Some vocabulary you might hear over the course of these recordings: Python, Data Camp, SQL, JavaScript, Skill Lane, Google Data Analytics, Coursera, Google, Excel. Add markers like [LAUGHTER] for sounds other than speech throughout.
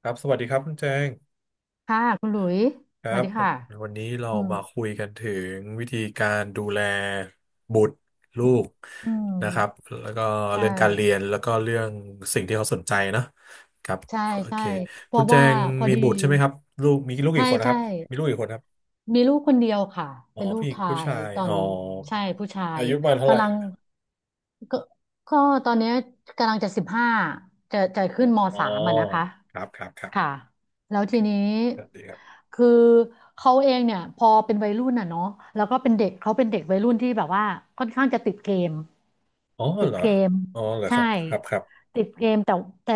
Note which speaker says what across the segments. Speaker 1: ครับสวัสดีครับคุณแจง
Speaker 2: ค่ะคุณหลุย
Speaker 1: ค
Speaker 2: ส
Speaker 1: รั
Speaker 2: วัส
Speaker 1: บ
Speaker 2: ดี
Speaker 1: วัน
Speaker 2: ค่ะ
Speaker 1: วันนี้เรา
Speaker 2: อืม
Speaker 1: มาคุยกันถึงวิธีการดูแลบุตรลู
Speaker 2: อืม
Speaker 1: ก
Speaker 2: อื
Speaker 1: นะครับ
Speaker 2: ม
Speaker 1: แล้วก็
Speaker 2: ใช่
Speaker 1: เรื่องการเรียนแล้วก็เรื่องสิ่งที่เขาสนใจนะครับ
Speaker 2: ใช่
Speaker 1: โอ
Speaker 2: ใช่
Speaker 1: เค
Speaker 2: เพ
Speaker 1: คุณ
Speaker 2: ราะ
Speaker 1: แจ
Speaker 2: ว่า
Speaker 1: ง
Speaker 2: พอ
Speaker 1: มี
Speaker 2: ดี
Speaker 1: บุตรใช่ไหมครับลูกมีลูก
Speaker 2: ใช่
Speaker 1: กี่คนนะค
Speaker 2: ใช่
Speaker 1: รับมีลูกกี่คนครับ
Speaker 2: มีลูกคนเดียวค่ะ
Speaker 1: อ๋อ
Speaker 2: เป็นลู
Speaker 1: ผู้
Speaker 2: ก
Speaker 1: หญิง
Speaker 2: ชา
Speaker 1: ผู้
Speaker 2: ย
Speaker 1: ชาย
Speaker 2: ตอน
Speaker 1: อ๋อ
Speaker 2: นี้ใช่ผู้ชา
Speaker 1: อา
Speaker 2: ย
Speaker 1: ยุประมาณเท่าไหร่
Speaker 2: กำลังก็ก็ตอนเนี้ยกำลังจะสิบห้าจะขึ้นม
Speaker 1: อ๋อ
Speaker 2: สามอ่ะนะคะ
Speaker 1: ครับครับครับ
Speaker 2: ค่ะแล้ว
Speaker 1: โอเค
Speaker 2: ทีนี้
Speaker 1: สวัสดีครับ
Speaker 2: คือเขาเองเนี่ยพอเป็นวัยรุ่นอ่ะเนาะแล้วก็เป็นเด็กเขาเป็นเด็กวัยรุ่นที่แบบว่าค่อนข้างจะติดเกม
Speaker 1: อ๋อ
Speaker 2: ติ
Speaker 1: เห
Speaker 2: ด
Speaker 1: รอ
Speaker 2: เกม
Speaker 1: อ๋อเหรอค
Speaker 2: ใช่
Speaker 1: รับครับครับ
Speaker 2: ติดเกมแต่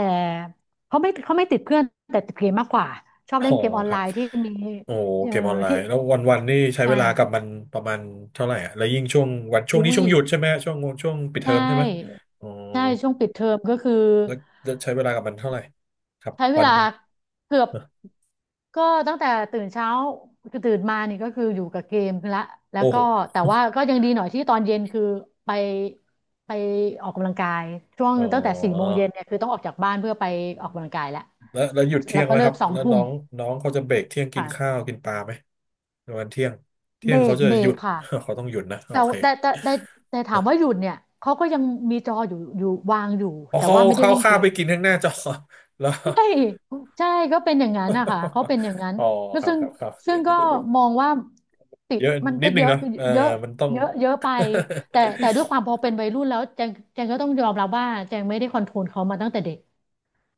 Speaker 2: เขาไม่ติดเพื่อนแต่ติดเกมมากกว่าชอบ
Speaker 1: อ๋อ
Speaker 2: เล่นเกมออน
Speaker 1: ค
Speaker 2: ไล
Speaker 1: รับ
Speaker 2: น์ที่มี
Speaker 1: โอ้
Speaker 2: เอ่
Speaker 1: เก
Speaker 2: อ
Speaker 1: มออนไล
Speaker 2: ที่
Speaker 1: น์แล้ววันนี่ใช้
Speaker 2: ใช
Speaker 1: เวลากับ
Speaker 2: ่
Speaker 1: มันประมาณเท่าไหร่อะแล้วยิ่งช่วงวันช่วงนี้
Speaker 2: อุ้ย
Speaker 1: ช่วงหยุดใช่ไหมช่วงปิดเทอ
Speaker 2: ใช่
Speaker 1: มใช่ไหมอ๋อ
Speaker 2: ใช่ช่วงปิดเทอมก็คือ
Speaker 1: แล้วแล้วใช้เวลากับมันเท่าไหร่ครับ
Speaker 2: ใช้เว
Speaker 1: วัน
Speaker 2: ลา
Speaker 1: หนึ่ง
Speaker 2: เกือบ
Speaker 1: เนอะ
Speaker 2: ก็ตั้งแต่ตื่นเช้าคือตื่นมานี่ก็คืออยู่กับเกมละแล้ว
Speaker 1: โอ้โห
Speaker 2: ก็แต่ว่าก็ยังดีหน่อยที่ตอนเย็นคือไปไปออกกำลังกายช่วง
Speaker 1: อ๋อ
Speaker 2: ตั้งแต่สี่โมงเย็นเนี่ยคือต้องออกจากบ้านเพื่อไปออกกำลังกายแล้ว
Speaker 1: แล้วหยุดเที่
Speaker 2: แล้
Speaker 1: ย
Speaker 2: ว
Speaker 1: ง
Speaker 2: ก็
Speaker 1: ไหม
Speaker 2: เลิ
Speaker 1: ครั
Speaker 2: ก
Speaker 1: บ
Speaker 2: สอง
Speaker 1: แล้ว
Speaker 2: ทุ่
Speaker 1: น้
Speaker 2: ม
Speaker 1: องน้องเขาจะเบรกเที่ยงกินข้าว
Speaker 2: ค่ะ
Speaker 1: กินปลาไหมในวันเที่ยงเที่
Speaker 2: เบ
Speaker 1: ยง
Speaker 2: ร
Speaker 1: เขา
Speaker 2: ก
Speaker 1: จะ
Speaker 2: เบร
Speaker 1: หยุ
Speaker 2: ก
Speaker 1: ด
Speaker 2: ค่ะ
Speaker 1: [LAUGHS] เขาต้องหยุดนะโอ
Speaker 2: แต่
Speaker 1: เค
Speaker 2: แต่แต่แต่แต่ถาม
Speaker 1: นะ
Speaker 2: ว่าหยุดเนี่ยเขาก็ยังมีจออยู่วางอยู่
Speaker 1: อ๋อ
Speaker 2: แต่
Speaker 1: เขา
Speaker 2: ว่าไม่ได้
Speaker 1: เขา
Speaker 2: เล่นเก
Speaker 1: ข้าวไป
Speaker 2: ม
Speaker 1: กินข้างหน้าจอ [LAUGHS] แล้ว
Speaker 2: ใช่ใช่ก็เป็นอย่างนั้นนะคะเขา
Speaker 1: [LAUGHS]
Speaker 2: เป็นอย่างนั้น
Speaker 1: อ๋อ
Speaker 2: ก็
Speaker 1: ครับ
Speaker 2: ซึ่ง
Speaker 1: ครับครั
Speaker 2: ก็
Speaker 1: บ
Speaker 2: มองว่าติด
Speaker 1: เยอะ
Speaker 2: มัน
Speaker 1: นิ
Speaker 2: ก็
Speaker 1: ดนึ
Speaker 2: เย
Speaker 1: ง
Speaker 2: อะ
Speaker 1: เนาะเออ
Speaker 2: เยอะ
Speaker 1: มันต้อง
Speaker 2: เยอะเยอะไปแต่ด้วยความพอ
Speaker 1: [LAUGHS]
Speaker 2: เป็นวัยรุ่นแล้วแจงก็ต้องยอมรับว่าแจงไม่ได้คอนโทรลเขามาตั้งแต่เด็ก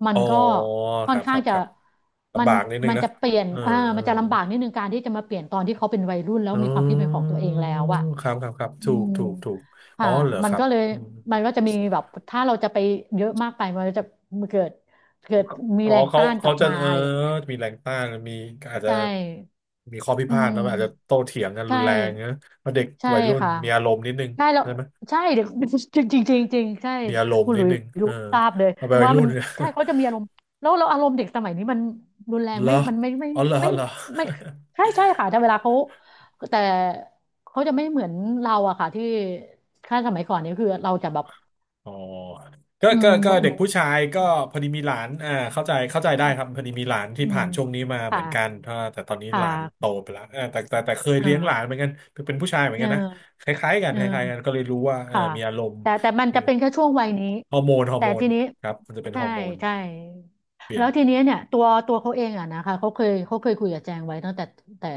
Speaker 2: มั
Speaker 1: อ๋
Speaker 2: น
Speaker 1: อ
Speaker 2: ก็
Speaker 1: ค
Speaker 2: ค่อน
Speaker 1: รับค
Speaker 2: ข้า
Speaker 1: รั
Speaker 2: ง
Speaker 1: บค
Speaker 2: จะ
Speaker 1: รับ
Speaker 2: มั
Speaker 1: ลำ
Speaker 2: น
Speaker 1: บากนิดนึ
Speaker 2: มั
Speaker 1: ง
Speaker 2: น
Speaker 1: นะ
Speaker 2: จะเปลี่ยน
Speaker 1: เออ
Speaker 2: อ่า
Speaker 1: เออ
Speaker 2: มันจะลำบากนิดนึงการที่จะมาเปลี่ยนตอนที่เขาเป็นวัยรุ่นแล้ว
Speaker 1: อ๋
Speaker 2: มีความคิดเป็นของ
Speaker 1: อ
Speaker 2: ตัวเองแล้วอะ
Speaker 1: ครับครับครับ
Speaker 2: อื
Speaker 1: ถูก
Speaker 2: ม
Speaker 1: ถูกถูกอ๋อ
Speaker 2: ค่ะ
Speaker 1: เหรอ
Speaker 2: มั
Speaker 1: ค
Speaker 2: น
Speaker 1: รับ
Speaker 2: ก็เลย
Speaker 1: อืม
Speaker 2: มันก็จะมีแบบถ้าเราจะไปเยอะมากไปมันก็จะเกิดเกิดมี
Speaker 1: อ๋อ
Speaker 2: แรง
Speaker 1: เขา
Speaker 2: ต้านก
Speaker 1: เขา
Speaker 2: ลับ
Speaker 1: จะ
Speaker 2: มา
Speaker 1: เออ
Speaker 2: อะไรอย่างเงี้ย
Speaker 1: มีแรงต้านมีอาจจะ
Speaker 2: ใช่
Speaker 1: มีข้อพิ
Speaker 2: อื
Speaker 1: พาทแล้วอาจจะ
Speaker 2: ม
Speaker 1: โต้เถียงกันรุ
Speaker 2: ใช่
Speaker 1: นแรงนะเพราะเด็ก
Speaker 2: ใช่
Speaker 1: วัยรุ่น
Speaker 2: ค่ะ
Speaker 1: มีอารมณ์นิดนึง
Speaker 2: ใช่แล้ว
Speaker 1: ใช่ไหม
Speaker 2: ใช่เดี๋ยว [LAUGHS] จริงจริงจริงจริงใช่
Speaker 1: มีอารมณ์
Speaker 2: คุณห
Speaker 1: นิ
Speaker 2: ลุ
Speaker 1: ด
Speaker 2: ย
Speaker 1: นึงเอ
Speaker 2: รู้
Speaker 1: อ
Speaker 2: ทราบเลย
Speaker 1: เอาไปวัย
Speaker 2: ว่า
Speaker 1: รุ่
Speaker 2: มั
Speaker 1: น
Speaker 2: น
Speaker 1: [LAUGHS] เนี่ย
Speaker 2: ใช่เขาจะมีอารมณ์แล้วเราอารมณ์เด็กสมัยนี้มันรุนแรง
Speaker 1: เหร
Speaker 2: ไม่
Speaker 1: อ
Speaker 2: มันไม่ไม่
Speaker 1: อ๋อเหรอ
Speaker 2: ไม่ไม
Speaker 1: เหรอ
Speaker 2: ่ไม่ใช่ใช่
Speaker 1: [LAUGHS]
Speaker 2: ค่ะแต่เวลาเขาแต่เขาจะไม่เหมือนเราอะค่ะที่ถ้าสมัยก่อนเนี่ยคือเราจะแบบ
Speaker 1: อ๋อก็
Speaker 2: อื
Speaker 1: ก็
Speaker 2: ม
Speaker 1: ก็เด็
Speaker 2: เห
Speaker 1: ก
Speaker 2: มือน
Speaker 1: ผู้ชายก็พอดีมีหลานอ่าเข้าใจเข้าใจได้ครับพอดีมีหลานที่
Speaker 2: อื
Speaker 1: ผ่า
Speaker 2: ม
Speaker 1: นช่วงนี้มาเหมือนกัน
Speaker 2: ค่ะ
Speaker 1: ถ้าแต่ตอนนี้
Speaker 2: ค่
Speaker 1: หลานโต
Speaker 2: ะ
Speaker 1: ไปแล้วเออแต่เคยเลี้ยงหลาน
Speaker 2: อ่า
Speaker 1: เหมือนกันเป็นผู้ชายเหมือน
Speaker 2: เออ
Speaker 1: กันนะคล้ายๆกัน
Speaker 2: เออ
Speaker 1: คล้ายๆกัน ก็เลยรู้ว่าเออ
Speaker 2: ค่ะ
Speaker 1: มีอารมณ์
Speaker 2: แต่มัน
Speaker 1: คือ
Speaker 2: จะเป็นแค่ช่วงวัยนี้
Speaker 1: ฮอร์โมนฮอร์
Speaker 2: แต่
Speaker 1: โมน
Speaker 2: ทีนี้
Speaker 1: ครับมันจะเป็นฮ
Speaker 2: ใช่
Speaker 1: อร์โมน
Speaker 2: ใช่แล้วทีนี้เนี่ยตัวเขาเองอะนะคะเขาเคยคุยกับแจงไว้ตั้งแต่แต่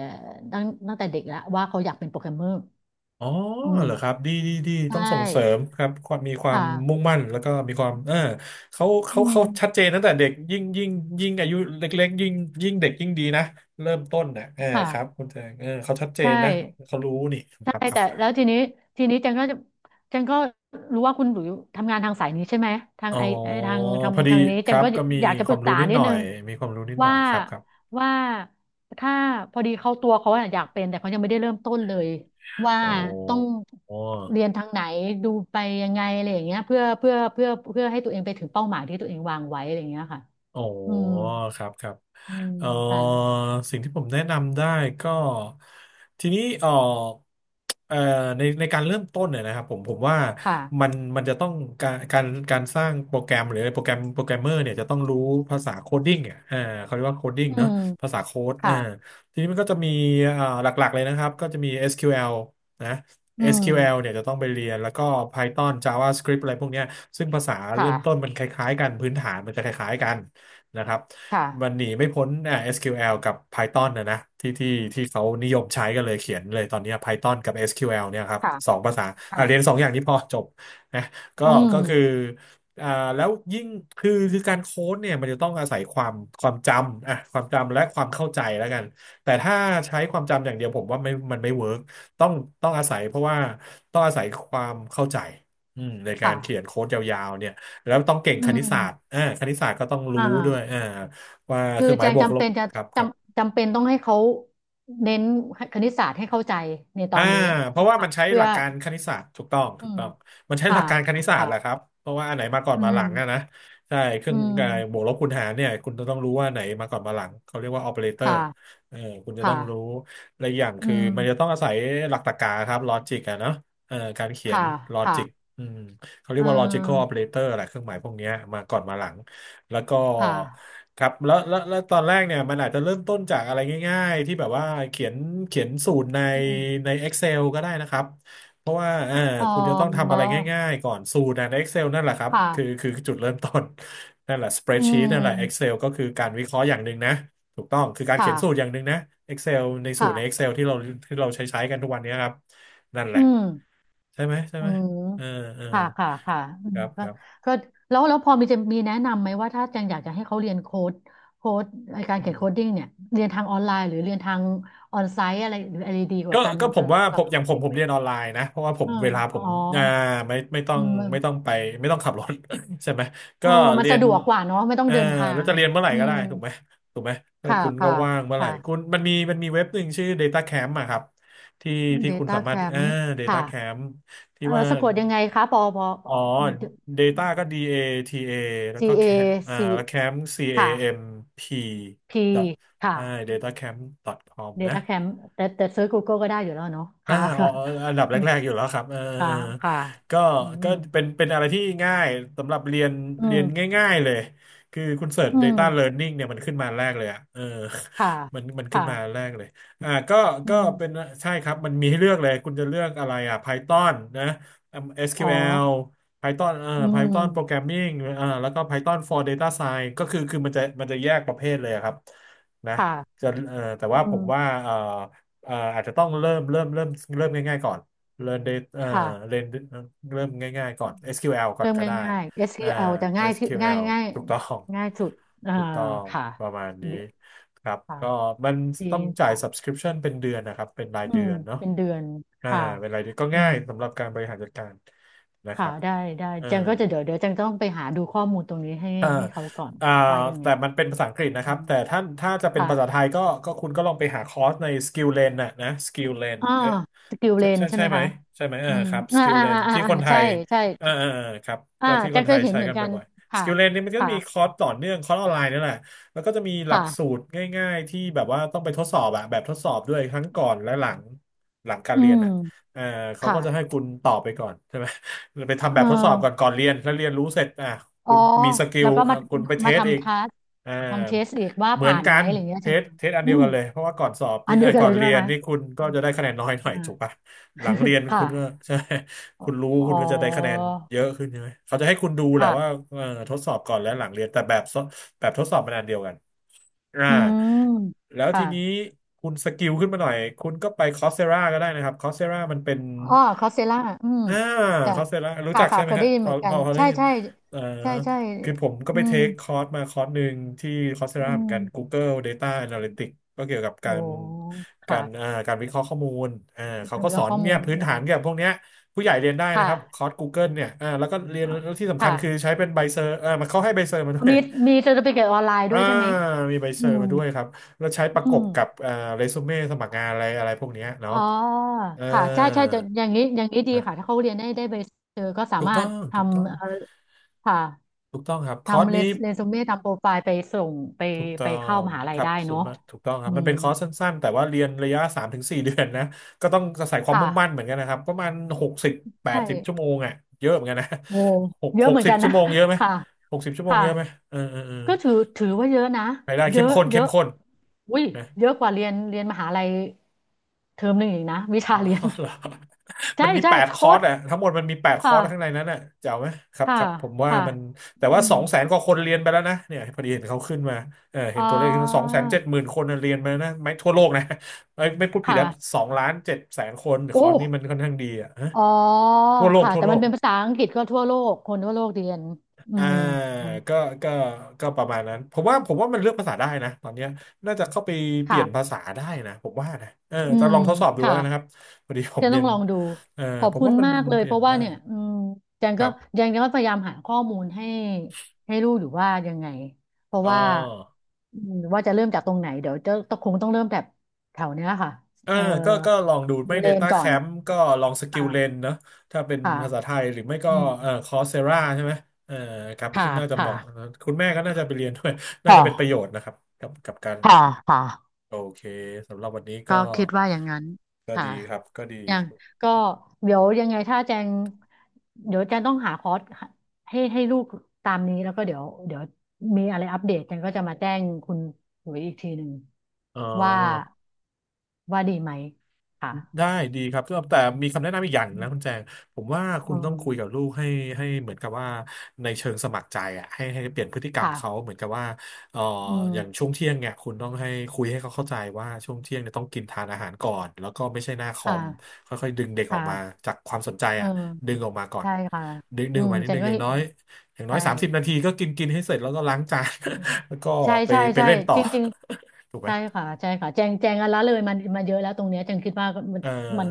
Speaker 2: ตั้งแต่เด็กแล้วว่าเขาอยากเป็นโปรแกรมเมอร์
Speaker 1: อ๋อ
Speaker 2: อื
Speaker 1: เหรอครั
Speaker 2: ม
Speaker 1: บดีดีดี
Speaker 2: ใช
Speaker 1: ต้องส่งเสริม
Speaker 2: ่
Speaker 1: ครับความมีความมุ่ง
Speaker 2: ค่ะ
Speaker 1: มั่นแล้วก็มีความเออเขา
Speaker 2: อื
Speaker 1: เขาเขาชัด
Speaker 2: ม
Speaker 1: เจนตั้งแต่เด็กยิ่งอายุเล็กๆยิ่งยิ่งเด็กยิ่งดีนะเริ่มต้นนะเออครับ
Speaker 2: ค่ะ
Speaker 1: คุณแจงเออเขาชัดเจ
Speaker 2: ใช่
Speaker 1: นนะเขารู้นี่
Speaker 2: ใช่
Speaker 1: ครับครับ
Speaker 2: แต่แล้วทีนี้ทีนี้จันก็รู้ว่าคุณหลุยทำงานทางสายนี้ใช่ไหมทาง
Speaker 1: อ๋อ
Speaker 2: ไอไอทาง
Speaker 1: พอดี
Speaker 2: ทางนี้
Speaker 1: ค
Speaker 2: จั
Speaker 1: รั
Speaker 2: น
Speaker 1: บ
Speaker 2: ก็
Speaker 1: ก็มี
Speaker 2: อยากจะ
Speaker 1: ค
Speaker 2: ป
Speaker 1: วา
Speaker 2: รึ
Speaker 1: ม
Speaker 2: ก
Speaker 1: รู้
Speaker 2: ษา
Speaker 1: นิด
Speaker 2: นิ
Speaker 1: ห
Speaker 2: ด
Speaker 1: น่อ
Speaker 2: นึ
Speaker 1: ย
Speaker 2: ง
Speaker 1: มีความรู้นิดหน่
Speaker 2: ว่า
Speaker 1: อยครับครับ
Speaker 2: ว่าถ้าพอดีเขาตัวเขาอะอยากเป็นแต่เขายังไม่ได้เริ่มต้นเลยว่า
Speaker 1: โอ้
Speaker 2: ต้อง
Speaker 1: โอ้
Speaker 2: เรียนทางไหนดูไปยังไงอะไรอย่างเงี้ยเพื่อให้ตัวเองไปถึงเป้าหมายที่ตัวเองวางไว้อะไรอย่างเงี้ยค่ะ
Speaker 1: โอ้
Speaker 2: อืม
Speaker 1: ครับครับ
Speaker 2: อืม
Speaker 1: เอ่อ
Speaker 2: กัน
Speaker 1: สิ่งที่ผมแนะนำได้ก็ทีนี้เอ่อในการเริ่มต้นเนี่ยนะครับผมว่า
Speaker 2: ค่ะ
Speaker 1: มันจะต้องการสร้างโปรแกรมหรือโปรแกรมเมอร์เนี่ยจะต้องรู้ภาษาโคดดิ้งอ่ะเออเขาเรียกว่าโคดดิ้ง
Speaker 2: อื
Speaker 1: เนาะ
Speaker 2: ม
Speaker 1: ภาษาโค้ดเอ
Speaker 2: ค่ะ
Speaker 1: อทีนี้มันก็จะมีหลักๆเลยนะครับก็จะมี SQL นะ
Speaker 2: อืม
Speaker 1: SQL เนี่ยจะต้องไปเรียนแล้วก็ Python JavaScript อะไรพวกเนี้ยซึ่งภาษาเริ่มต้น
Speaker 2: ค่ะ
Speaker 1: มันคล้ายๆกันพื้นฐานมันจะคล้ายๆกันนะครับ
Speaker 2: ค่ะ
Speaker 1: มันหนีไม่พ้นอ่า SQL กับ Python นะนะที่ที่เขานิยมใช้กันเลยเขียนเลยตอนนี้ Python กับ SQL เนี่ยครับ
Speaker 2: ค่ะ
Speaker 1: สองภาษาอ่ะเรียนส
Speaker 2: ค่ะ
Speaker 1: องอย่างนี้พอจบนะก็
Speaker 2: อืม
Speaker 1: ก็คืออ่าแล้วยิ่งคือการโค้ดเนี่ยมันจะต้องอาศัยความความจำอ่ะความจำและความเข้าใจแล้วกันแต่ถ้าใช้ความจำอย่างเดียวผมว่าไม่มันไม่เวิร์กต้องต้องอาศัยเพราะว่าต้องอาศัยความเข้าใจอืมในกา
Speaker 2: ค่ะ
Speaker 1: รเขียนโค้ดยาวๆเนี่ยแล้วต้องเก่ง
Speaker 2: อื
Speaker 1: คณิตศาสตร์
Speaker 2: ม
Speaker 1: อ่าคณิตศาสตร์ก็ต้อง
Speaker 2: อ่
Speaker 1: รู้ด้วย
Speaker 2: า
Speaker 1: อ่า ว่า
Speaker 2: คื
Speaker 1: เค
Speaker 2: อ
Speaker 1: รื่องห
Speaker 2: แจ
Speaker 1: มาย
Speaker 2: ง
Speaker 1: บวก
Speaker 2: จำ
Speaker 1: ลบ
Speaker 2: เป็นจะ
Speaker 1: ครับครับ
Speaker 2: จำเป็นต้องให้เขาเน้นคณิตศาสตร์ให้เข้าใจในตอ
Speaker 1: อ่า
Speaker 2: นนี้
Speaker 1: เพ
Speaker 2: ใช่
Speaker 1: ราะ
Speaker 2: ไหม
Speaker 1: ว่ามั
Speaker 2: คะ
Speaker 1: นใช้ห
Speaker 2: เพื่อ
Speaker 1: ลักการคณิตศาสตร์ถูกต้อง
Speaker 2: อื
Speaker 1: ถูก
Speaker 2: ม
Speaker 1: ต้องมันใช้ห
Speaker 2: ค่ะ
Speaker 1: ลักการคณิตศาสตร์แหละครั
Speaker 2: ค่ะ
Speaker 1: บเพราะว่าอันไหนมาก่อน
Speaker 2: อื
Speaker 1: มาหลังอะนะ
Speaker 2: ม
Speaker 1: ใช่เครื่
Speaker 2: อื
Speaker 1: องบว
Speaker 2: ม
Speaker 1: กลบคูณหารเนี่ยคุณจะต้องรู้ว่าไหนมาก่อนมาหลังเขาเรียกว่าออ p e r a t o r
Speaker 2: ค่ะ
Speaker 1: เออคุณจะ
Speaker 2: ค่ะ
Speaker 1: ต้องรู้และอกอย่าง
Speaker 2: อื
Speaker 1: คือมันจะ
Speaker 2: ม
Speaker 1: ต้องอาศัยหลักตรรกะครับลอจิกอะเนาะเออการเขียน
Speaker 2: ค่ะ
Speaker 1: ลอจิก
Speaker 2: ค่ะ
Speaker 1: อืมเขาเรีย
Speaker 2: เอ่
Speaker 1: กว่า logical
Speaker 2: อ
Speaker 1: operator แหละเครื่องหมายพวกเนี้ยมาก่อนมาหลัง แล้วก็
Speaker 2: ค่ะ
Speaker 1: ครับแล้วตอนแรกเนี่ยมันอาจจะเริ่มต้นจากอะไรง่ายๆที่แบบว่าเขียนสูตรใน
Speaker 2: อืม
Speaker 1: Excel ก็ได้นะครับเพราะว่าเออ
Speaker 2: อ๋อ
Speaker 1: คุณจะต้องทำอะไรง่ายๆก่อนสูตรใน Excel นั่นแหละครับ
Speaker 2: ค่ะ
Speaker 1: คือจุดเริ่มต้น [LAUGHS] นั่นแหละ
Speaker 2: อื
Speaker 1: spreadsheet นั่นแหละ
Speaker 2: ม
Speaker 1: Excel ก็คือการวิเคราะห์อย่างหนึ่งนะถูกต้องคือการเขี
Speaker 2: ค่ะ
Speaker 1: ยนสูตรอย่างหนึ่งนะ Excel ในสูต
Speaker 2: ค่ะ
Speaker 1: รใน Excel ที่เราใช้กันทุกวันนี้ครับนั่นแห
Speaker 2: อื
Speaker 1: ละ
Speaker 2: ม
Speaker 1: ใช่ไหมใช่
Speaker 2: อื
Speaker 1: ไหม
Speaker 2: ม
Speaker 1: เออเออ
Speaker 2: ค่ะค่ะค่ะอื
Speaker 1: ค
Speaker 2: ม
Speaker 1: รับ
Speaker 2: ก็
Speaker 1: ครับ
Speaker 2: ก็แล้วพอมีจะมีแนะนำไหมว่าถ้าจังอยากจะให้เขาเรียนโค้ดโค้ดไอ้การเขียนโคดดิ้งเนี่ยเรียนทางออนไลน์หรือเรียนทางออนไซต์อะไรหรืออะไรดีก
Speaker 1: ก็
Speaker 2: ว่ากัน
Speaker 1: ก็ผมว่า
Speaker 2: สำห
Speaker 1: ผ
Speaker 2: รับ
Speaker 1: มอย่างผม
Speaker 2: เด็ก
Speaker 1: ผม
Speaker 2: เป็
Speaker 1: เรี
Speaker 2: น
Speaker 1: ยนออนไลน์นะเพราะว่าผ
Speaker 2: อ
Speaker 1: มเว
Speaker 2: ม
Speaker 1: ลาผ
Speaker 2: อ๋อ
Speaker 1: มอ่าไม่ไม่ต้อ
Speaker 2: อื
Speaker 1: ง
Speaker 2: ม
Speaker 1: ไม่ต้องไปไม่ต้องขับรถ [LAUGHS] ใช่ไหม
Speaker 2: เอ
Speaker 1: ก็
Speaker 2: อมัน
Speaker 1: เรีย
Speaker 2: สะ
Speaker 1: น
Speaker 2: ดวกกว่าเนาะไม่ต้อง
Speaker 1: อ่า
Speaker 2: เดินทา
Speaker 1: แล้ว
Speaker 2: ง
Speaker 1: จะเรียนเมื่อไหร่
Speaker 2: อื
Speaker 1: ก็ได้
Speaker 2: ม
Speaker 1: ถูกไหมถูกไหมเออ
Speaker 2: ค่ะ
Speaker 1: คุณก็
Speaker 2: ค่ะ
Speaker 1: ว่างเมื่อไหร่
Speaker 2: ค่ะ
Speaker 1: คุณมันมีเว็บหนึ่งชื่อ Data Camp อะครับที่ที่คุณ
Speaker 2: Data
Speaker 1: สามารถ
Speaker 2: Camp
Speaker 1: Data
Speaker 2: ค่ะ
Speaker 1: Camp ที่
Speaker 2: เออ
Speaker 1: ว่า
Speaker 2: สะกดยังไงคะปอปอ
Speaker 1: อ๋อ Data ก็ DATA แล้ว
Speaker 2: G
Speaker 1: ก็แค
Speaker 2: A C
Speaker 1: แล้ว Camp C A
Speaker 2: ค่ะ
Speaker 1: M P
Speaker 2: P
Speaker 1: ดอท
Speaker 2: ค่ะ
Speaker 1: อ่า datacamp.com นะ
Speaker 2: Data Camp แต่แต่เซิร์ช Google ก็ได้อยู่แล้วเนาะ
Speaker 1: อ่า
Speaker 2: ค่ะ
Speaker 1: อ๋อ
Speaker 2: ค่ะ
Speaker 1: อันดับแร
Speaker 2: อืม
Speaker 1: กๆอยู่แล้วครับเออ
Speaker 2: ค่ะ
Speaker 1: เออ
Speaker 2: ค่ะ
Speaker 1: ก็
Speaker 2: อืม
Speaker 1: ก็เป็นอะไรที่ง่ายสำหรับเรียน
Speaker 2: อื
Speaker 1: เรี
Speaker 2: ม
Speaker 1: ยนง่ายๆเลยคือคุณเสิร์ช
Speaker 2: อื
Speaker 1: Data
Speaker 2: ม
Speaker 1: Learning เนี่ยมันขึ้นมาแรกเลยอ่ะเออ
Speaker 2: ค่ะ
Speaker 1: [LAUGHS] มันขึ้นมาแร
Speaker 2: ค่ะ
Speaker 1: กเลยอ่าก็
Speaker 2: อื
Speaker 1: ก็
Speaker 2: ม
Speaker 1: เป็นใช่ครับมันมีให้เลือกเลยคุณจะเลือกอะไรอ่ะ Python นะ
Speaker 2: อ๋อ
Speaker 1: SQL Python
Speaker 2: อื
Speaker 1: Python
Speaker 2: ม
Speaker 1: Programming แล้วก็ Python for Data Science ก็คือมันจะแยกประเภทเลยอะครับนะ
Speaker 2: ค่ะ
Speaker 1: จะแต่
Speaker 2: อื
Speaker 1: ว่าผมว่า
Speaker 2: ม
Speaker 1: อาจจะต้องเริ่มง่ายๆก่อน learn data
Speaker 2: ค่ะ
Speaker 1: learn เริ่มง่ายๆก่อน SQL ก่อ
Speaker 2: เริ่
Speaker 1: น
Speaker 2: ม
Speaker 1: ก็ได้
Speaker 2: ง่ายๆ
Speaker 1: อ่า
Speaker 2: SQL จะง่ายที่ง่าย
Speaker 1: SQL
Speaker 2: ง่าย
Speaker 1: ถูกต้อง
Speaker 2: ง่ายสุดเอ่
Speaker 1: [LAUGHS]
Speaker 2: อ
Speaker 1: ถูกต้อง
Speaker 2: ค่ะ
Speaker 1: ประมาณนี้
Speaker 2: เด
Speaker 1: ครับ
Speaker 2: ค่ะ
Speaker 1: ก็มัน
Speaker 2: ดี
Speaker 1: ต้องจ่าย
Speaker 2: ค่ะ
Speaker 1: subscription เป็นเดือนนะครับเป็นราย
Speaker 2: อื
Speaker 1: เดื
Speaker 2: ม
Speaker 1: อนเนาะ
Speaker 2: เป็นเดือน
Speaker 1: อ่า
Speaker 2: ค่ะ
Speaker 1: เป็นรายเดือนก็
Speaker 2: อื
Speaker 1: ง่า
Speaker 2: ม
Speaker 1: ยสำหรับการบริหารจัดการนะค
Speaker 2: ค่ะ
Speaker 1: รับ
Speaker 2: ได้ได้
Speaker 1: เออ
Speaker 2: จังก็จะเดี๋ยวจังต้องไปหาดูข้อมูลตรงนี้ให้
Speaker 1: อ่า
Speaker 2: ให้เขาก่อน
Speaker 1: อ่า
Speaker 2: ว่ายังไง
Speaker 1: แต่มันเป็นภาษาอังกฤษนะ
Speaker 2: อื
Speaker 1: ครับ
Speaker 2: ม
Speaker 1: แต่ถ้าจะเป็นภาษา
Speaker 2: ค่ะ
Speaker 1: ไทยก็คุณก็ลองไปหาคอร์สใน Skill Lane น่ะนะ Skill Lane
Speaker 2: อ่า
Speaker 1: เอ๊ะ
Speaker 2: สกิลเล
Speaker 1: ใช่
Speaker 2: น
Speaker 1: ใช่
Speaker 2: ใช่
Speaker 1: ใช่
Speaker 2: ไหม
Speaker 1: ไหม
Speaker 2: คะ
Speaker 1: ใช่ไหมเออ
Speaker 2: อืม
Speaker 1: ครับ
Speaker 2: อ่า
Speaker 1: Skill
Speaker 2: อ่า
Speaker 1: Lane
Speaker 2: อ่าอ่า
Speaker 1: ที่ค
Speaker 2: อ่า
Speaker 1: นไท
Speaker 2: ใช่
Speaker 1: ย
Speaker 2: ใช่
Speaker 1: เออครับ
Speaker 2: อ่า
Speaker 1: ก็ที่
Speaker 2: แจ็
Speaker 1: คน
Speaker 2: ค
Speaker 1: ไท
Speaker 2: เค
Speaker 1: ย
Speaker 2: ยเห็น
Speaker 1: ใช้
Speaker 2: เหมือ
Speaker 1: กั
Speaker 2: น
Speaker 1: น
Speaker 2: กัน
Speaker 1: บ่อยๆ
Speaker 2: ค่ะ
Speaker 1: Skill Lane นี่มันก็มีคอ
Speaker 2: ค่ะ
Speaker 1: ร์สต่อเนื่องคอร์สออนไลน์นี่แหละแล้วก็จะมีหลักสู
Speaker 2: ค่ะ
Speaker 1: ตรง่ายๆที่แบบว่าต้องไปทดสอบอะแบบทดสอบด้วยทั้งก่อนและหลังหลังการ
Speaker 2: อื
Speaker 1: เรียนอะ
Speaker 2: ม
Speaker 1: เออเขาก็
Speaker 2: ค่ะ
Speaker 1: จะให้คุณตอบไปก่อนใช่ไหม ไปทำแบ
Speaker 2: เอ
Speaker 1: บทดสอบก่อน
Speaker 2: อ
Speaker 1: ก่อนเรียนแล้วเรียนรู้เสร็จอ่ะ
Speaker 2: อ๋
Speaker 1: คุ
Speaker 2: อ
Speaker 1: ณมีสกิ
Speaker 2: แล้
Speaker 1: ล
Speaker 2: วก็
Speaker 1: อ่ะ
Speaker 2: มา
Speaker 1: คุณไปเท
Speaker 2: มา
Speaker 1: สอี
Speaker 2: ทำ
Speaker 1: ก
Speaker 2: ทัส
Speaker 1: อ่า
Speaker 2: ทำเทสอีกว่า
Speaker 1: เหมือ
Speaker 2: ผ่า
Speaker 1: น
Speaker 2: น
Speaker 1: กั
Speaker 2: ไหม
Speaker 1: น
Speaker 2: อะไรอย่างเงี้ย
Speaker 1: เท
Speaker 2: ใช่ไหม
Speaker 1: ส
Speaker 2: คะ
Speaker 1: เทสอัน
Speaker 2: อื
Speaker 1: เดียว
Speaker 2: ม
Speaker 1: กันเลยเพราะว่าก่อนสอบ
Speaker 2: อั
Speaker 1: นี่
Speaker 2: น
Speaker 1: เอ
Speaker 2: เดี
Speaker 1: อ
Speaker 2: ยวกัน
Speaker 1: ก่อ
Speaker 2: เล
Speaker 1: น
Speaker 2: ยใช่
Speaker 1: เรี
Speaker 2: ไหม
Speaker 1: ยน
Speaker 2: คะ
Speaker 1: นี่คุณก็
Speaker 2: อืม
Speaker 1: จะได้คะแนนน้อยหน่อ
Speaker 2: อ่า
Speaker 1: ยถูกปะหลังเรียน
Speaker 2: [LAUGHS] ค่ะ
Speaker 1: คุณก็ [LAUGHS] ใช่คุณรู้
Speaker 2: อ๋
Speaker 1: คุ
Speaker 2: อ
Speaker 1: ณก็จะได้คะแนนเยอะขึ้นใช่ไหมเขาจะให้คุณดูแหละว่า
Speaker 2: ค่ะ
Speaker 1: เออทดสอบก่อนและหลังเรียนแต่แบบ แบบทดสอบมันอันเดียวกันอ่า
Speaker 2: อืม
Speaker 1: แล้วที
Speaker 2: ค่ะ
Speaker 1: นี้คุณสกิลขึ้นมาหน่อย คุณก็ไปคอ s เซราก็ได้นะครับคอ s เซรามันเป็น
Speaker 2: อ๋อคอสเซล่าอืม
Speaker 1: อ่า
Speaker 2: แต่
Speaker 1: คอร์สเซล่ารู้
Speaker 2: ค่ะ
Speaker 1: จัก
Speaker 2: ค่ะ
Speaker 1: ใช่ไห
Speaker 2: เค
Speaker 1: ม
Speaker 2: ย
Speaker 1: ฮะ
Speaker 2: ได้ยิ
Speaker 1: พ
Speaker 2: นเห
Speaker 1: อ
Speaker 2: มือนกั
Speaker 1: พ
Speaker 2: น
Speaker 1: อพอได้
Speaker 2: ใช่
Speaker 1: ยิน
Speaker 2: ใช่
Speaker 1: เอ่อ
Speaker 2: ใช่ใช่
Speaker 1: คือผมก็
Speaker 2: อื
Speaker 1: ไปเท
Speaker 2: ม
Speaker 1: คคอร์สมาคอร์สหนึ่งที่คอร์สเซ
Speaker 2: อื
Speaker 1: ล่าเหมือนกัน
Speaker 2: ม
Speaker 1: Google Data Analytics ก็เกี่ยวกับ
Speaker 2: โอ้
Speaker 1: การ
Speaker 2: ค่ะ
Speaker 1: การวิเคราะห์ข้อมูลอ่าเขา
Speaker 2: เป็น
Speaker 1: ก็
Speaker 2: เรื่
Speaker 1: ส
Speaker 2: อ
Speaker 1: อ
Speaker 2: ง
Speaker 1: น
Speaker 2: ข้อ
Speaker 1: เนี่
Speaker 2: มู
Speaker 1: ย
Speaker 2: ล
Speaker 1: พื้น
Speaker 2: อื
Speaker 1: ฐา
Speaker 2: ม
Speaker 1: นเกี่ยวกับพวกเนี้ยผู้ใหญ่เรียนได้
Speaker 2: ค
Speaker 1: นะครับคอร์
Speaker 2: ่ะ
Speaker 1: ส Google เนี่ยอ่าแล้วก็เรียน
Speaker 2: อ่ะ
Speaker 1: แล้วที่สำคั
Speaker 2: ค่ะ
Speaker 1: ญคือใช้เป็นใบเซอร์เออมันเขาให้ใบเซอร์มาด้วย
Speaker 2: มีมีเซอร์ติฟิเคตออนไลน์ด้
Speaker 1: อ่า
Speaker 2: วยใช่ไหม
Speaker 1: มีใบเซ
Speaker 2: อื
Speaker 1: อร์
Speaker 2: ม
Speaker 1: มาด้วยครับแล้วใช้ป
Speaker 2: อื
Speaker 1: ระกบ
Speaker 2: ม
Speaker 1: กับเรซูเม่สมัครงานอะไรอะไรพวกเนี้ย
Speaker 2: อ๋
Speaker 1: เนาะ
Speaker 2: อ
Speaker 1: เออ
Speaker 2: ค่ะใช่ใช่จะอย่างนี้อย่างนี้ดี
Speaker 1: นะ
Speaker 2: ค่ะถ้าเขาเรียนได้ได้ไปเจอก็สา
Speaker 1: ถูก
Speaker 2: มา
Speaker 1: ต้
Speaker 2: ร
Speaker 1: อ
Speaker 2: ถ
Speaker 1: งถูกต้อ
Speaker 2: ทำ
Speaker 1: ง
Speaker 2: ค่ะ
Speaker 1: ถูกต้องครับคอร์ส
Speaker 2: ทำ
Speaker 1: นี้
Speaker 2: เรซูเม่ทำโปรไฟล์ไปส่งไป
Speaker 1: ถูกต้อ
Speaker 2: ไปเข้า
Speaker 1: ง
Speaker 2: มหาลั
Speaker 1: ค
Speaker 2: ย
Speaker 1: รับ
Speaker 2: ได้
Speaker 1: ส่วน
Speaker 2: เนาะ
Speaker 1: มากถูกต้องครั
Speaker 2: อื
Speaker 1: บมัน
Speaker 2: ม
Speaker 1: เป็นคอร์สสั้นๆแต่ว่าเรียนระยะ3 ถึง 4 เดือนนะก็ต้องอาศัยความมุ่งมั่นเหมื
Speaker 2: ค่ะ
Speaker 1: อนกันนะครับประมาณหกสิบแป
Speaker 2: ใ
Speaker 1: ดสิบชั่ว
Speaker 2: ช่
Speaker 1: โมงอ่ะเยอะเหมือนกันนะ
Speaker 2: โอ้
Speaker 1: หก
Speaker 2: เยอะ
Speaker 1: ห
Speaker 2: เห
Speaker 1: ก
Speaker 2: มือน
Speaker 1: สิ
Speaker 2: กั
Speaker 1: บ
Speaker 2: น
Speaker 1: ชั่
Speaker 2: นะ
Speaker 1: วโมงเยอะไหม
Speaker 2: [LAUGHS] ค่ะ
Speaker 1: หกสิบชั่วโมงเยอะไหม
Speaker 2: ค่ะ
Speaker 1: เออ
Speaker 2: ก็ถือว่าเยอะนะ
Speaker 1: รายได้
Speaker 2: เย
Speaker 1: เข้ม
Speaker 2: อะ
Speaker 1: ข้น
Speaker 2: เย
Speaker 1: เข้ม
Speaker 2: อะ
Speaker 1: ข้น
Speaker 2: อุ้ย
Speaker 1: นะ
Speaker 2: เยอะกว่าเรียนมหาลัยเทอมหนึ่งอีกนะ [LAUGHS] วิ
Speaker 1: [LAUGHS]
Speaker 2: ชา
Speaker 1: อ๋อ
Speaker 2: เรียน
Speaker 1: เหรอ
Speaker 2: ใช่
Speaker 1: มันมี
Speaker 2: ใช่
Speaker 1: แปดคอ
Speaker 2: โอ๊
Speaker 1: ร์ส
Speaker 2: ต
Speaker 1: อะทั้งหมดมันมีแปดค
Speaker 2: ค่
Speaker 1: อร์สข้างใน
Speaker 2: ะ
Speaker 1: นั้นอะเจ๋งไหมครับ
Speaker 2: ค่ะ
Speaker 1: ครับผมว่า
Speaker 2: ค่ะ
Speaker 1: มันแต่
Speaker 2: อื
Speaker 1: ว่าส
Speaker 2: ม
Speaker 1: องแสนกว่าคนเรียนไปแล้วนะเนี่ยพอดีเห็นเขาขึ้นมาเออเห็น
Speaker 2: อ่า
Speaker 1: ตัวเลขขึ้น270,000คนเรียนมาแล้วนะไม่ทั่วโลกนะไม่ไม่พูดผิดครับ
Speaker 2: ค่ะ
Speaker 1: 2,700,000คนค
Speaker 2: โอ้
Speaker 1: อร์สนี้มันค่อนข้างดีอะฮะ
Speaker 2: อ๋อ
Speaker 1: ทั่วโลก
Speaker 2: ค่ะ
Speaker 1: ทั่ว
Speaker 2: แต่
Speaker 1: โล
Speaker 2: มัน
Speaker 1: ก
Speaker 2: เป็นภาษาอังกฤษก็ทั่วโลกคนทั่วโลกเรียนอื
Speaker 1: อ่า
Speaker 2: ม
Speaker 1: ก็ก็ก็ประมาณนั้นผมว่ามันเลือกภาษาได้นะตอนเนี้ยน่าจะเข้าไปเปลี่ยนภา
Speaker 2: ค่ะ
Speaker 1: ษาได้นะผมว่านะเออ
Speaker 2: อื
Speaker 1: แต่
Speaker 2: ม
Speaker 1: ลองทดสอบดูแล้
Speaker 2: ค่ะ
Speaker 1: วกันนะครับพอดีผ
Speaker 2: เธ
Speaker 1: ม
Speaker 2: อ
Speaker 1: เรี
Speaker 2: ต้
Speaker 1: ย
Speaker 2: อง
Speaker 1: น
Speaker 2: ลองดู
Speaker 1: เออ
Speaker 2: ขอบ
Speaker 1: ผม
Speaker 2: คุณ
Speaker 1: ว่ามัน
Speaker 2: มาก
Speaker 1: มัน
Speaker 2: เล
Speaker 1: เป
Speaker 2: ย
Speaker 1: ลี่
Speaker 2: เพ
Speaker 1: ยน
Speaker 2: ราะว่า
Speaker 1: ได้
Speaker 2: เนี่ยอืมแจง
Speaker 1: ค
Speaker 2: ก็
Speaker 1: รับ
Speaker 2: แจงก็พยายามหาข้อมูลให้ให้ลูกอยู่ว่ายังไงเพราะ
Speaker 1: อ๋อ
Speaker 2: ว่าอืมว่าจะเริ่มจากตรงไหนเดี๋ยวจะต้องคงต้องเริ่มจากแถวเนี้ยค่ะ
Speaker 1: อ่า
Speaker 2: เออ
Speaker 1: ก็ลองดูไม่
Speaker 2: ดูเลน
Speaker 1: Data
Speaker 2: ก่อน
Speaker 1: Camp ก็ลองสกิลเลน
Speaker 2: ค่ะ
Speaker 1: เนอะถ้าเป็น
Speaker 2: ค่ะ
Speaker 1: ภาษาไทยหรือไม่ก็
Speaker 2: อืม
Speaker 1: คอร์เซราใช่ไหมเอ่อครับ
Speaker 2: ค่ะ
Speaker 1: น่าจะเห
Speaker 2: ค่ะ
Speaker 1: มาะนะคุณแม่ก็น่าจะไปเรียนด้วย [LAUGHS] น่าจะ
Speaker 2: ค่ะ
Speaker 1: เป็นประโยชน์นะครับ กับการ
Speaker 2: ค่ะค่ะ
Speaker 1: โอเค สำหรับวันนี้ก็
Speaker 2: ก็คิดว่าอย่างนั้น
Speaker 1: ก็
Speaker 2: ค่ะ
Speaker 1: ดีครับก็ดี
Speaker 2: อย่างก็เดี๋ยวยังไงถ้าแจงเดี๋ยวแจงต้องหาคอร์สให้ให้ลูกตามนี้แล้วก็เดี๋ยวมีอะไรอัปเดตแจงก็จะมาแจ้งคุณหลุยอีกทีหนึ่ง
Speaker 1: อ๋อ
Speaker 2: ว่าดีไหมค่ะ
Speaker 1: ได้ดีครับก็แต่มีคำแนะนำอีกอย่าง
Speaker 2: อื
Speaker 1: นะ
Speaker 2: ม
Speaker 1: คุณแจงผมว่าคุ
Speaker 2: อื
Speaker 1: ณต้องคุย
Speaker 2: ม
Speaker 1: กับลูกให้เหมือนกับว่าในเชิงสมัครใจอ่ะให้เปลี่ยนพฤติกรรมเขา
Speaker 2: ค่ะ
Speaker 1: เหมือนกับว่าเอ่อ
Speaker 2: อื
Speaker 1: อย่าง
Speaker 2: ม
Speaker 1: ช่วงเที่ยงเนี่ยคุณต้องให้คุยให้เขาเข้าใจว่าช่วงเที่ยงเนี่ยต้องกินทานอาหารก่อนแล้วก็ไม่ใช่หน้าคอ
Speaker 2: ค่ะ
Speaker 1: มค่อยๆดึงเด็ก
Speaker 2: ค
Speaker 1: ออกมา
Speaker 2: ่ะ
Speaker 1: จากความสนใจ
Speaker 2: เออ
Speaker 1: อ่ะดึงออกมาก่อน
Speaker 2: ใช่ค่ะ
Speaker 1: ดึงดึ
Speaker 2: อื
Speaker 1: งออ
Speaker 2: ม
Speaker 1: กมานิ
Speaker 2: แจ
Speaker 1: ด
Speaker 2: ง
Speaker 1: นึง
Speaker 2: ก็
Speaker 1: อย่าง
Speaker 2: เห็น
Speaker 1: น้อยอย่างน้อ
Speaker 2: ใช่
Speaker 1: ย30 นาทีก็กินกินให้เสร็จแล้วก็ล้างจาน [LAUGHS] แล้วก็ไปไป
Speaker 2: ใช่
Speaker 1: เล่นต่อ
Speaker 2: จริง
Speaker 1: [LAUGHS] ถูก
Speaker 2: ๆ
Speaker 1: ไหม
Speaker 2: ใช่ค่ะใช่ค่ะแจงอันละเลยมันมาเยอะแล้วตรงเนี้ยแจงคิดว่ามัน
Speaker 1: เออ
Speaker 2: มัน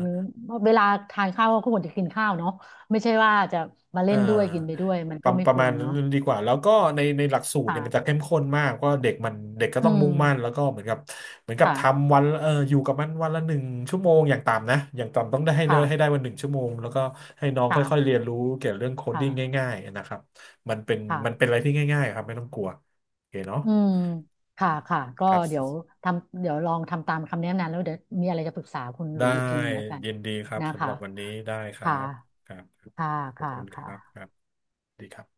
Speaker 2: เวลาทานข้าวก็ควรจะกินข้าวเนาะไม่ใช่ว่าจะมาเล่
Speaker 1: อ่
Speaker 2: นด้วยกินไป
Speaker 1: า
Speaker 2: ด้วยมัน
Speaker 1: ป
Speaker 2: ก็
Speaker 1: ระ
Speaker 2: ไม่
Speaker 1: ประ
Speaker 2: ค
Speaker 1: มา
Speaker 2: ว
Speaker 1: ณ
Speaker 2: ร
Speaker 1: นั้
Speaker 2: เนาะ
Speaker 1: นดีกว่าแล้วก็ในหลักสูตรเนี่ยมันจะ
Speaker 2: ค่ะ
Speaker 1: เข้มข้นมากก็เด็กก็
Speaker 2: อื
Speaker 1: ต้องมุ่งมั่นแล้ว
Speaker 2: ม
Speaker 1: ก็เหมือนกับ
Speaker 2: ค่ะ
Speaker 1: ทำวันอยู่กับมันวันละหนึ่งชั่วโมงอย่างต่ำนะอย่างต่ำต้องได้ให้ได้
Speaker 2: ค่ะ
Speaker 1: วันหนึ่งชั่วโมงแล้วก็ให้น้องค่อยๆเรี
Speaker 2: ค่ะ
Speaker 1: ยนรู้เกี่ยวกับเรื่องโคดดิ้ง
Speaker 2: ค่ะ
Speaker 1: ง่ายๆนะครับมันเป็นมันเป็น
Speaker 2: ค่ะ
Speaker 1: อะไรที่ง่ายๆครับไม่ต้องกลัวโอเคเนาะ
Speaker 2: อืมค่ะค่ะก็
Speaker 1: ครั
Speaker 2: เดี๋ยว
Speaker 1: บ
Speaker 2: ทำเดี๋ยวลองทำตามคำแนะนำแล้วเดี๋ยวมีอะไรจะปรึกษาคุณห
Speaker 1: ได้
Speaker 2: ลุยอีกทีหนึ่งแล้วกัน
Speaker 1: ยินดีครับ
Speaker 2: นะ
Speaker 1: สำห
Speaker 2: คะ
Speaker 1: รับวันนี้ได้ครั
Speaker 2: ค่ะ
Speaker 1: บครับ
Speaker 2: ค่ะ
Speaker 1: ขอบ
Speaker 2: ค่ะ
Speaker 1: คุณค
Speaker 2: ค่ะ
Speaker 1: รับครับดีครับ